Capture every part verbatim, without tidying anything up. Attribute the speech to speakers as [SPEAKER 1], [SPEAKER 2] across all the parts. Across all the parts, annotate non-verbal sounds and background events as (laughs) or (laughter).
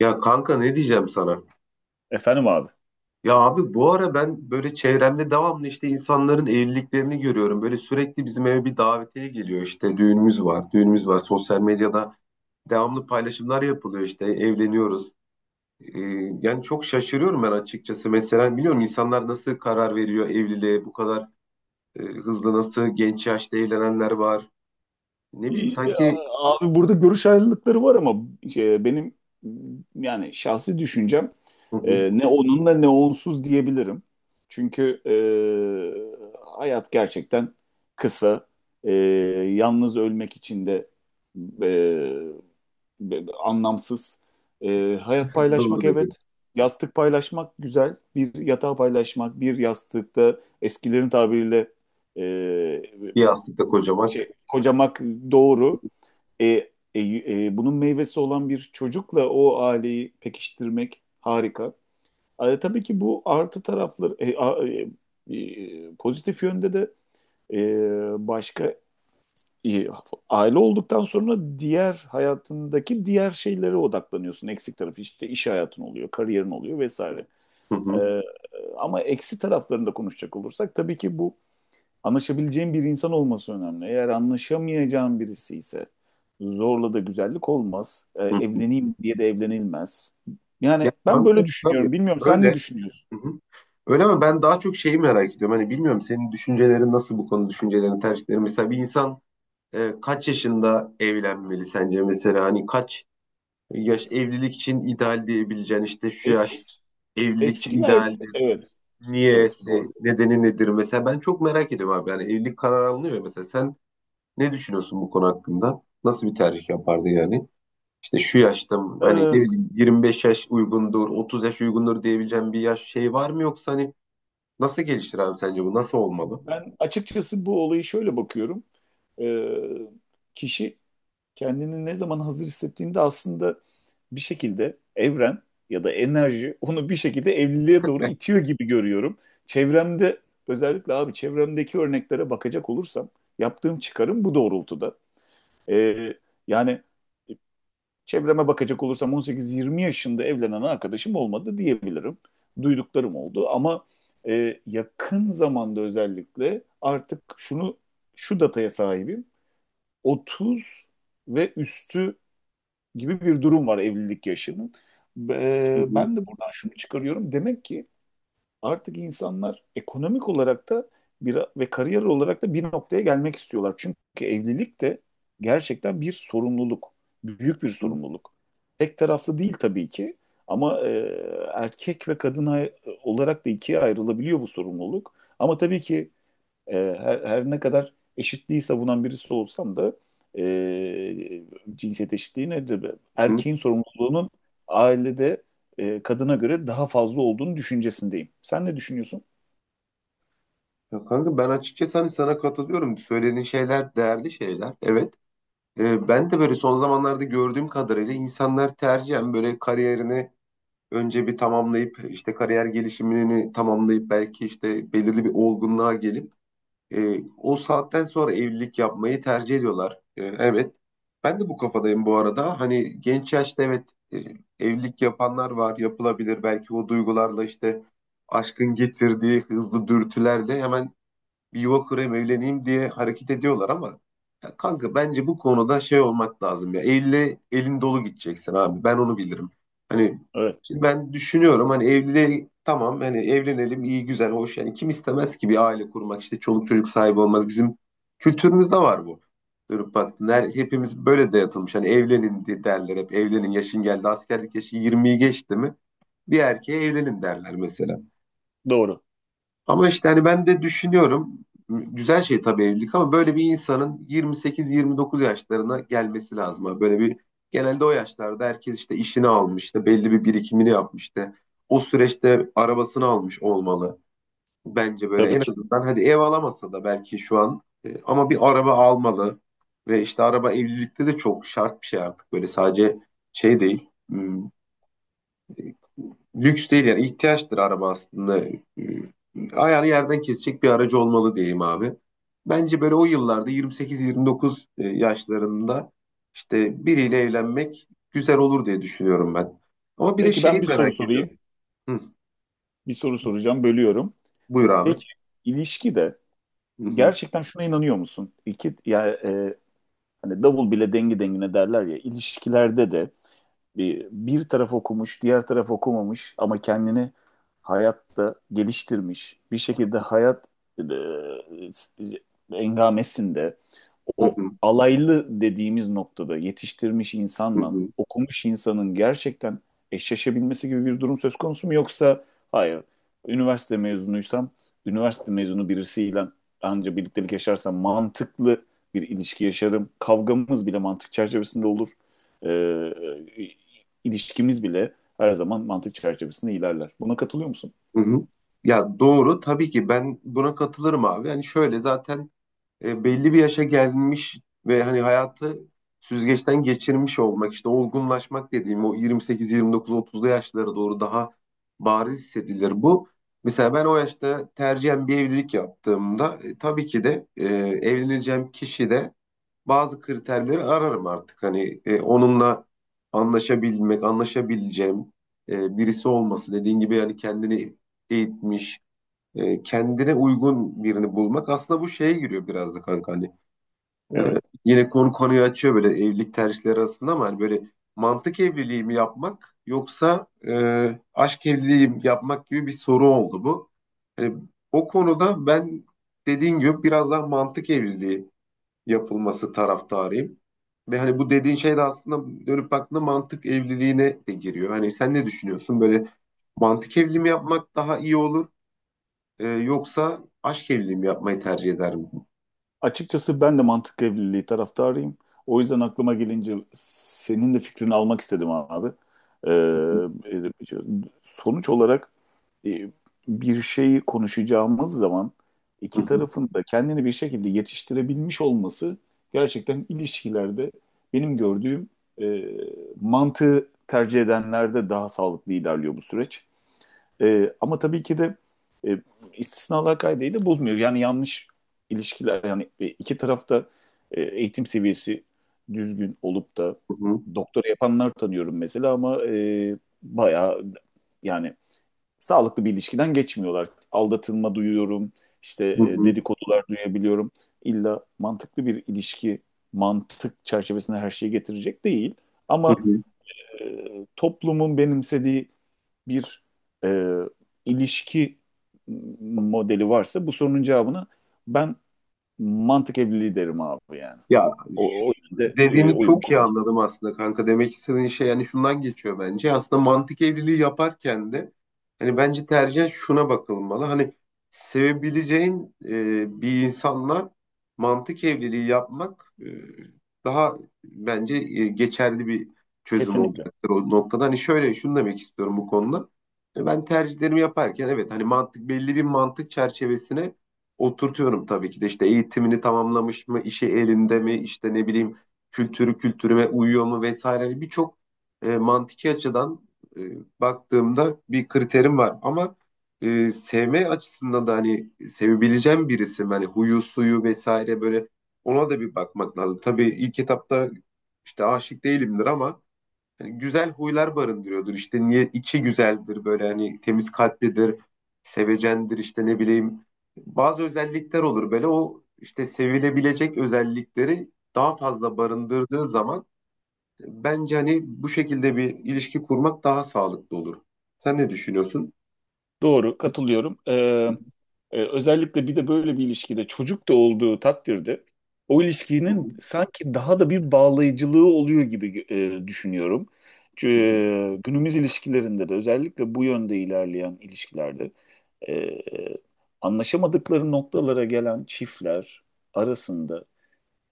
[SPEAKER 1] Ya kanka ne diyeceğim sana?
[SPEAKER 2] Efendim abi.
[SPEAKER 1] Ya abi bu ara ben böyle çevremde devamlı işte insanların evliliklerini görüyorum. Böyle sürekli bizim eve bir davetiye geliyor işte düğünümüz var, düğünümüz var. Sosyal medyada devamlı paylaşımlar yapılıyor işte evleniyoruz. Ee, yani çok şaşırıyorum ben açıkçası. Mesela biliyorum insanlar nasıl karar veriyor evliliğe bu kadar e, hızlı nasıl genç yaşta evlenenler var. Ne bileyim
[SPEAKER 2] İyi, ya,
[SPEAKER 1] sanki
[SPEAKER 2] abi burada görüş ayrılıkları var ama şey, benim yani şahsi düşüncem,
[SPEAKER 1] hı hı.
[SPEAKER 2] e, ne onunla ne onsuz diyebilirim. Çünkü e, hayat gerçekten kısa. E, Yalnız ölmek için de e, be- anlamsız. E, hayat
[SPEAKER 1] (laughs) Doğru
[SPEAKER 2] paylaşmak,
[SPEAKER 1] dedim.
[SPEAKER 2] evet. Yastık paylaşmak güzel. Bir yatağı paylaşmak, bir yastıkta eskilerin tabiriyle e,
[SPEAKER 1] Bir yastıkta kocamak.
[SPEAKER 2] şey, kocamak, doğru. E, e, e, Bunun meyvesi olan bir çocukla o aileyi pekiştirmek harika. E, tabii ki bu artı tarafları. E, a- e, e, pozitif yönde de e, başka, e, aile olduktan sonra diğer hayatındaki diğer şeylere odaklanıyorsun. Eksik tarafı işte iş hayatın oluyor, kariyerin oluyor vesaire.
[SPEAKER 1] Hı hı,
[SPEAKER 2] E, Ama eksi taraflarında konuşacak olursak tabii ki bu, anlaşabileceğin bir insan olması önemli. Eğer anlaşamayacağın birisi ise zorla da güzellik olmaz. Ee,
[SPEAKER 1] hı.
[SPEAKER 2] evleneyim diye de evlenilmez.
[SPEAKER 1] Ya
[SPEAKER 2] Yani ben
[SPEAKER 1] kanka
[SPEAKER 2] böyle
[SPEAKER 1] tabii
[SPEAKER 2] düşünüyorum. Bilmiyorum, sen ne
[SPEAKER 1] öyle.
[SPEAKER 2] düşünüyorsun?
[SPEAKER 1] Hı hı. Öyle mi? Ben daha çok şeyi merak ediyorum. Hani bilmiyorum senin düşüncelerin nasıl bu konu düşüncelerin, tercihlerin. Mesela bir insan e, kaç yaşında evlenmeli sence mesela? Hani kaç yaş evlilik için ideal diyebileceğin işte şu yaş
[SPEAKER 2] Es,
[SPEAKER 1] evlilik için
[SPEAKER 2] eskiler
[SPEAKER 1] idealdir.
[SPEAKER 2] evet, evet,
[SPEAKER 1] Niyesi,
[SPEAKER 2] doğru.
[SPEAKER 1] nedeni nedir? Mesela ben çok merak ediyorum abi. Yani evlilik kararı alınıyor ya mesela. Sen ne düşünüyorsun bu konu hakkında? Nasıl bir tercih yapardı yani? İşte şu yaşta mı? Hani
[SPEAKER 2] Ee,
[SPEAKER 1] ne bileyim yirmi beş yaş uygundur, otuz yaş uygundur diyebileceğim bir yaş şey var mı yoksa hani nasıl geliştir abi sence bu? Nasıl olmalı?
[SPEAKER 2] Ben açıkçası bu olayı şöyle bakıyorum. Ee, Kişi kendini ne zaman hazır hissettiğinde aslında bir şekilde evren ya da enerji onu bir şekilde evliliğe doğru
[SPEAKER 1] (laughs)
[SPEAKER 2] itiyor gibi görüyorum. Çevremde, özellikle abi, çevremdeki örneklere bakacak olursam yaptığım çıkarım bu doğrultuda. Ee, yani e, Çevreme bakacak olursam on sekiz yirmi yaşında evlenen arkadaşım olmadı diyebilirim. Duyduklarım oldu ama e, yakın zamanda özellikle artık şunu şu dataya sahibim. otuz ve üstü gibi bir durum var evlilik yaşının.
[SPEAKER 1] Hı
[SPEAKER 2] Ee,
[SPEAKER 1] hı,
[SPEAKER 2] ben de buradan şunu çıkarıyorum. Demek ki artık insanlar ekonomik olarak da bir, ve kariyer olarak da bir noktaya gelmek istiyorlar. Çünkü evlilik de gerçekten bir sorumluluk, büyük bir
[SPEAKER 1] hı
[SPEAKER 2] sorumluluk. Tek taraflı değil tabii ki, ama e, erkek ve kadın ay- olarak da ikiye ayrılabiliyor bu sorumluluk. Ama tabii ki, e, her, her ne kadar eşitliği savunan birisi olsam da, e, cinsiyet eşitliği nedir?
[SPEAKER 1] hı.
[SPEAKER 2] Erkeğin sorumluluğunun ailede e, kadına göre daha fazla olduğunu düşüncesindeyim. Sen ne düşünüyorsun?
[SPEAKER 1] Ya kanka ben açıkçası hani sana katılıyorum. Söylediğin şeyler değerli şeyler. Evet. Ee, ben de böyle son zamanlarda gördüğüm kadarıyla insanlar tercihen böyle kariyerini önce bir tamamlayıp işte kariyer gelişimini tamamlayıp belki işte belirli bir olgunluğa gelip E, o saatten sonra evlilik yapmayı tercih ediyorlar. E, evet. Ben de bu kafadayım bu arada. Hani genç yaşta evet e, evlilik yapanlar var, yapılabilir. Belki o duygularla işte aşkın getirdiği hızlı dürtülerle hemen bir yuva kurayım evleneyim diye hareket ediyorlar ama ya kanka bence bu konuda şey olmak lazım ya elle elin dolu gideceksin abi ben onu bilirim. Hani
[SPEAKER 2] Evet,
[SPEAKER 1] şimdi ben düşünüyorum hani evliliğe tamam hani evlenelim iyi güzel hoş yani kim istemez ki bir aile kurmak işte çoluk çocuk sahibi olmaz bizim kültürümüzde var bu. Dönüp baktın her, hepimiz böyle dayatılmış hani evlenin diye derler hep evlenin yaşın geldi askerlik yaşı yirmiyi geçti mi bir erkeğe evlenin derler mesela.
[SPEAKER 2] doğru.
[SPEAKER 1] Ama işte hani ben de düşünüyorum güzel şey tabii evlilik ama böyle bir insanın yirmi sekiz yirmi dokuz yaşlarına gelmesi lazım. Abi. Böyle bir genelde o yaşlarda herkes işte işini almış, işte belli bir birikimini yapmış işte. O süreçte arabasını almış olmalı. Bence böyle
[SPEAKER 2] Tabii
[SPEAKER 1] en
[SPEAKER 2] ki.
[SPEAKER 1] azından hadi ev alamasa da belki şu an e, ama bir araba almalı. Ve işte araba evlilikte de çok şart bir şey artık böyle sadece şey değil. Hmm, Lüks değil yani ihtiyaçtır araba aslında. Ee, Ayağını yerden kesecek bir aracı olmalı diyeyim abi. Bence böyle o yıllarda yirmi sekiz yirmi dokuz e, yaşlarında işte biriyle evlenmek güzel olur diye düşünüyorum ben. Ama bir de
[SPEAKER 2] Peki,
[SPEAKER 1] şeyi
[SPEAKER 2] ben bir soru
[SPEAKER 1] merak ediyorum.
[SPEAKER 2] sorayım.
[SPEAKER 1] Hı,
[SPEAKER 2] Bir soru soracağım, bölüyorum.
[SPEAKER 1] buyur abi.
[SPEAKER 2] Peki, ilişkide
[SPEAKER 1] Hı hı,
[SPEAKER 2] gerçekten şuna inanıyor musun? İki, ya, e, hani davul bile dengi dengine derler ya, ilişkilerde de bir, bir taraf okumuş, diğer taraf okumamış ama kendini hayatta geliştirmiş, bir şekilde hayat e, engamesinde
[SPEAKER 1] hı
[SPEAKER 2] o
[SPEAKER 1] hı,
[SPEAKER 2] alaylı dediğimiz noktada yetiştirmiş
[SPEAKER 1] hı
[SPEAKER 2] insanla
[SPEAKER 1] hı,
[SPEAKER 2] okumuş insanın gerçekten eşleşebilmesi gibi bir durum söz konusu mu? Yoksa hayır, üniversite mezunuysam üniversite mezunu birisiyle anca birliktelik yaşarsam mantıklı bir ilişki yaşarım. Kavgamız bile mantık çerçevesinde olur. Ee, ilişkimiz bile her zaman mantık çerçevesinde ilerler. Buna katılıyor musun?
[SPEAKER 1] hı hı. Ya doğru tabii ki ben buna katılırım abi. Yani şöyle zaten e, belli bir yaşa gelmiş ve hani hayatı süzgeçten geçirmiş olmak işte olgunlaşmak dediğim o yirmi sekiz yirmi dokuz otuzlu yaşlara doğru daha bariz hissedilir bu. Mesela ben o yaşta tercihen bir evlilik yaptığımda e, tabii ki de e, evleneceğim kişi de bazı kriterleri ararım artık. Hani e, onunla anlaşabilmek, anlaşabileceğim e, birisi olması. Dediğin gibi yani kendini eğitmiş, e, kendine uygun birini bulmak aslında bu şeye giriyor biraz da kanka hani. E,
[SPEAKER 2] Evet.
[SPEAKER 1] yine konu konuyu açıyor böyle evlilik tercihleri arasında ama hani böyle mantık evliliği mi yapmak yoksa e, aşk evliliği mi yapmak gibi bir soru oldu bu. Hani o konuda ben dediğin gibi biraz daha mantık evliliği yapılması taraftarıyım. Ve hani bu dediğin şey de aslında dönüp baktığında mantık evliliğine de giriyor. Hani sen ne düşünüyorsun? Böyle mantık evliliği mi yapmak daha iyi olur? Ee, yoksa aşk evliliği mi yapmayı tercih ederim?
[SPEAKER 2] Açıkçası ben de mantık evliliği taraftarıyım. O yüzden aklıma gelince senin de fikrini almak istedim abi. Ee, e, Sonuç olarak, e, bir şeyi konuşacağımız zaman
[SPEAKER 1] Hı
[SPEAKER 2] iki
[SPEAKER 1] hı,
[SPEAKER 2] tarafın da kendini bir şekilde yetiştirebilmiş olması, gerçekten ilişkilerde benim gördüğüm, e, mantığı tercih edenlerde daha sağlıklı ilerliyor bu süreç. E, ama tabii ki de e, istisnalar kaideyi de bozmuyor. Yani yanlış ilişkiler, yani e, iki tarafta e, eğitim seviyesi düzgün olup da
[SPEAKER 1] hı hı,
[SPEAKER 2] doktora yapanlar tanıyorum mesela ama e, bayağı, yani sağlıklı bir ilişkiden geçmiyorlar. Aldatılma duyuyorum, işte
[SPEAKER 1] hı
[SPEAKER 2] e,
[SPEAKER 1] hı,
[SPEAKER 2] dedikodular duyabiliyorum. İlla mantıklı bir ilişki mantık çerçevesinde her şeyi getirecek değil.
[SPEAKER 1] hı
[SPEAKER 2] Ama
[SPEAKER 1] hı.
[SPEAKER 2] e, toplumun benimsediği bir, e, ilişki modeli varsa, bu sorunun cevabını ben mantık evliliği derim abi, yani.
[SPEAKER 1] Ya
[SPEAKER 2] O, o yönde e,
[SPEAKER 1] dediğini
[SPEAKER 2] oyumu
[SPEAKER 1] çok iyi
[SPEAKER 2] kullanırım.
[SPEAKER 1] anladım aslında kanka. Demek istediğin şey yani şundan geçiyor bence. Aslında mantık evliliği yaparken de hani bence tercih şuna bakılmalı. Hani sevebileceğin e, bir insanla mantık evliliği yapmak e, daha bence e, geçerli bir çözüm
[SPEAKER 2] Kesinlikle.
[SPEAKER 1] olacaktır o noktada. Hani şöyle şunu demek istiyorum bu konuda. E, Ben tercihlerimi yaparken evet hani mantık belli bir mantık çerçevesine oturtuyorum tabii ki de işte eğitimini tamamlamış mı, işi elinde mi, işte ne bileyim kültürü kültürüme uyuyor mu vesaire birçok e, mantiki açıdan e, baktığımda bir kriterim var. Ama e, sevme açısından da hani sevebileceğim birisi mi? Hani huyu suyu vesaire böyle ona da bir bakmak lazım. Tabii ilk etapta işte aşık değilimdir ama hani güzel huylar barındırıyordur. İşte niye içi güzeldir böyle hani temiz kalplidir, sevecendir işte ne bileyim. Bazı özellikler olur böyle o işte sevilebilecek özellikleri daha fazla barındırdığı zaman bence hani bu şekilde bir ilişki kurmak daha sağlıklı olur. Sen ne düşünüyorsun?
[SPEAKER 2] Doğru, katılıyorum. Ee,
[SPEAKER 1] Hı
[SPEAKER 2] e, özellikle bir de böyle bir ilişkide çocuk da olduğu takdirde o
[SPEAKER 1] hı,
[SPEAKER 2] ilişkinin sanki daha da bir bağlayıcılığı oluyor gibi e, düşünüyorum. Çünkü
[SPEAKER 1] hı hı,
[SPEAKER 2] e, günümüz ilişkilerinde de, özellikle bu yönde ilerleyen ilişkilerde, e, anlaşamadıkları noktalara gelen çiftler arasında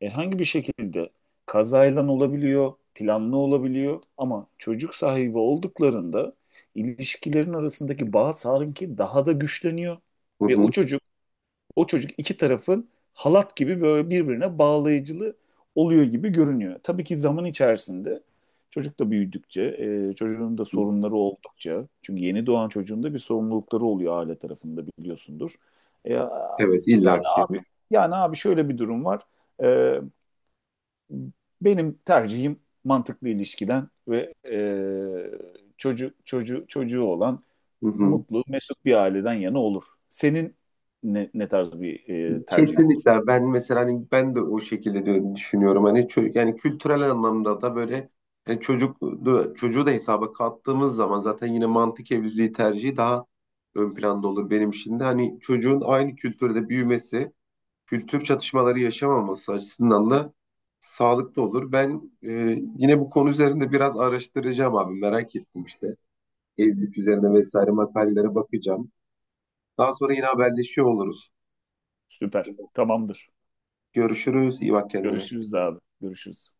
[SPEAKER 2] herhangi bir şekilde kazayla olabiliyor, planlı olabiliyor, ama çocuk sahibi olduklarında ilişkilerin arasındaki bağ sanki daha da güçleniyor
[SPEAKER 1] hı
[SPEAKER 2] ve o
[SPEAKER 1] hı,
[SPEAKER 2] çocuk o çocuk iki tarafın halat gibi böyle birbirine bağlayıcılı oluyor gibi görünüyor. Tabii ki zaman içerisinde çocuk da büyüdükçe, e, çocuğun da
[SPEAKER 1] hı.
[SPEAKER 2] sorunları oldukça, çünkü yeni doğan çocuğun da bir sorumlulukları oluyor aile tarafında, biliyorsundur. E, yani
[SPEAKER 1] Evet illaki.
[SPEAKER 2] abi yani abi şöyle bir durum var. E, Benim tercihim mantıklı ilişkiden ve e, çocuğu çocu, çocuğu olan
[SPEAKER 1] Hı hı.
[SPEAKER 2] mutlu, mesut bir aileden yana olur. Senin ne, ne tarz bir e, tercihin olur?
[SPEAKER 1] Kesinlikle ben mesela hani ben de o şekilde diyor- düşünüyorum hani çö- yani kültürel anlamda da böyle yani çocuk çocuğu da hesaba kattığımız zaman zaten yine mantık evliliği tercihi daha ön planda olur benim için de hani çocuğun aynı kültürde büyümesi kültür çatışmaları yaşamaması açısından da sağlıklı olur. Ben e, yine bu konu üzerinde biraz araştıracağım abi merak ettim işte evlilik üzerine vesaire makalelere bakacağım. Daha sonra yine haberleşiyor oluruz.
[SPEAKER 2] Süper. Tamamdır.
[SPEAKER 1] Görüşürüz. İyi bak kendine.
[SPEAKER 2] Görüşürüz abi. Görüşürüz.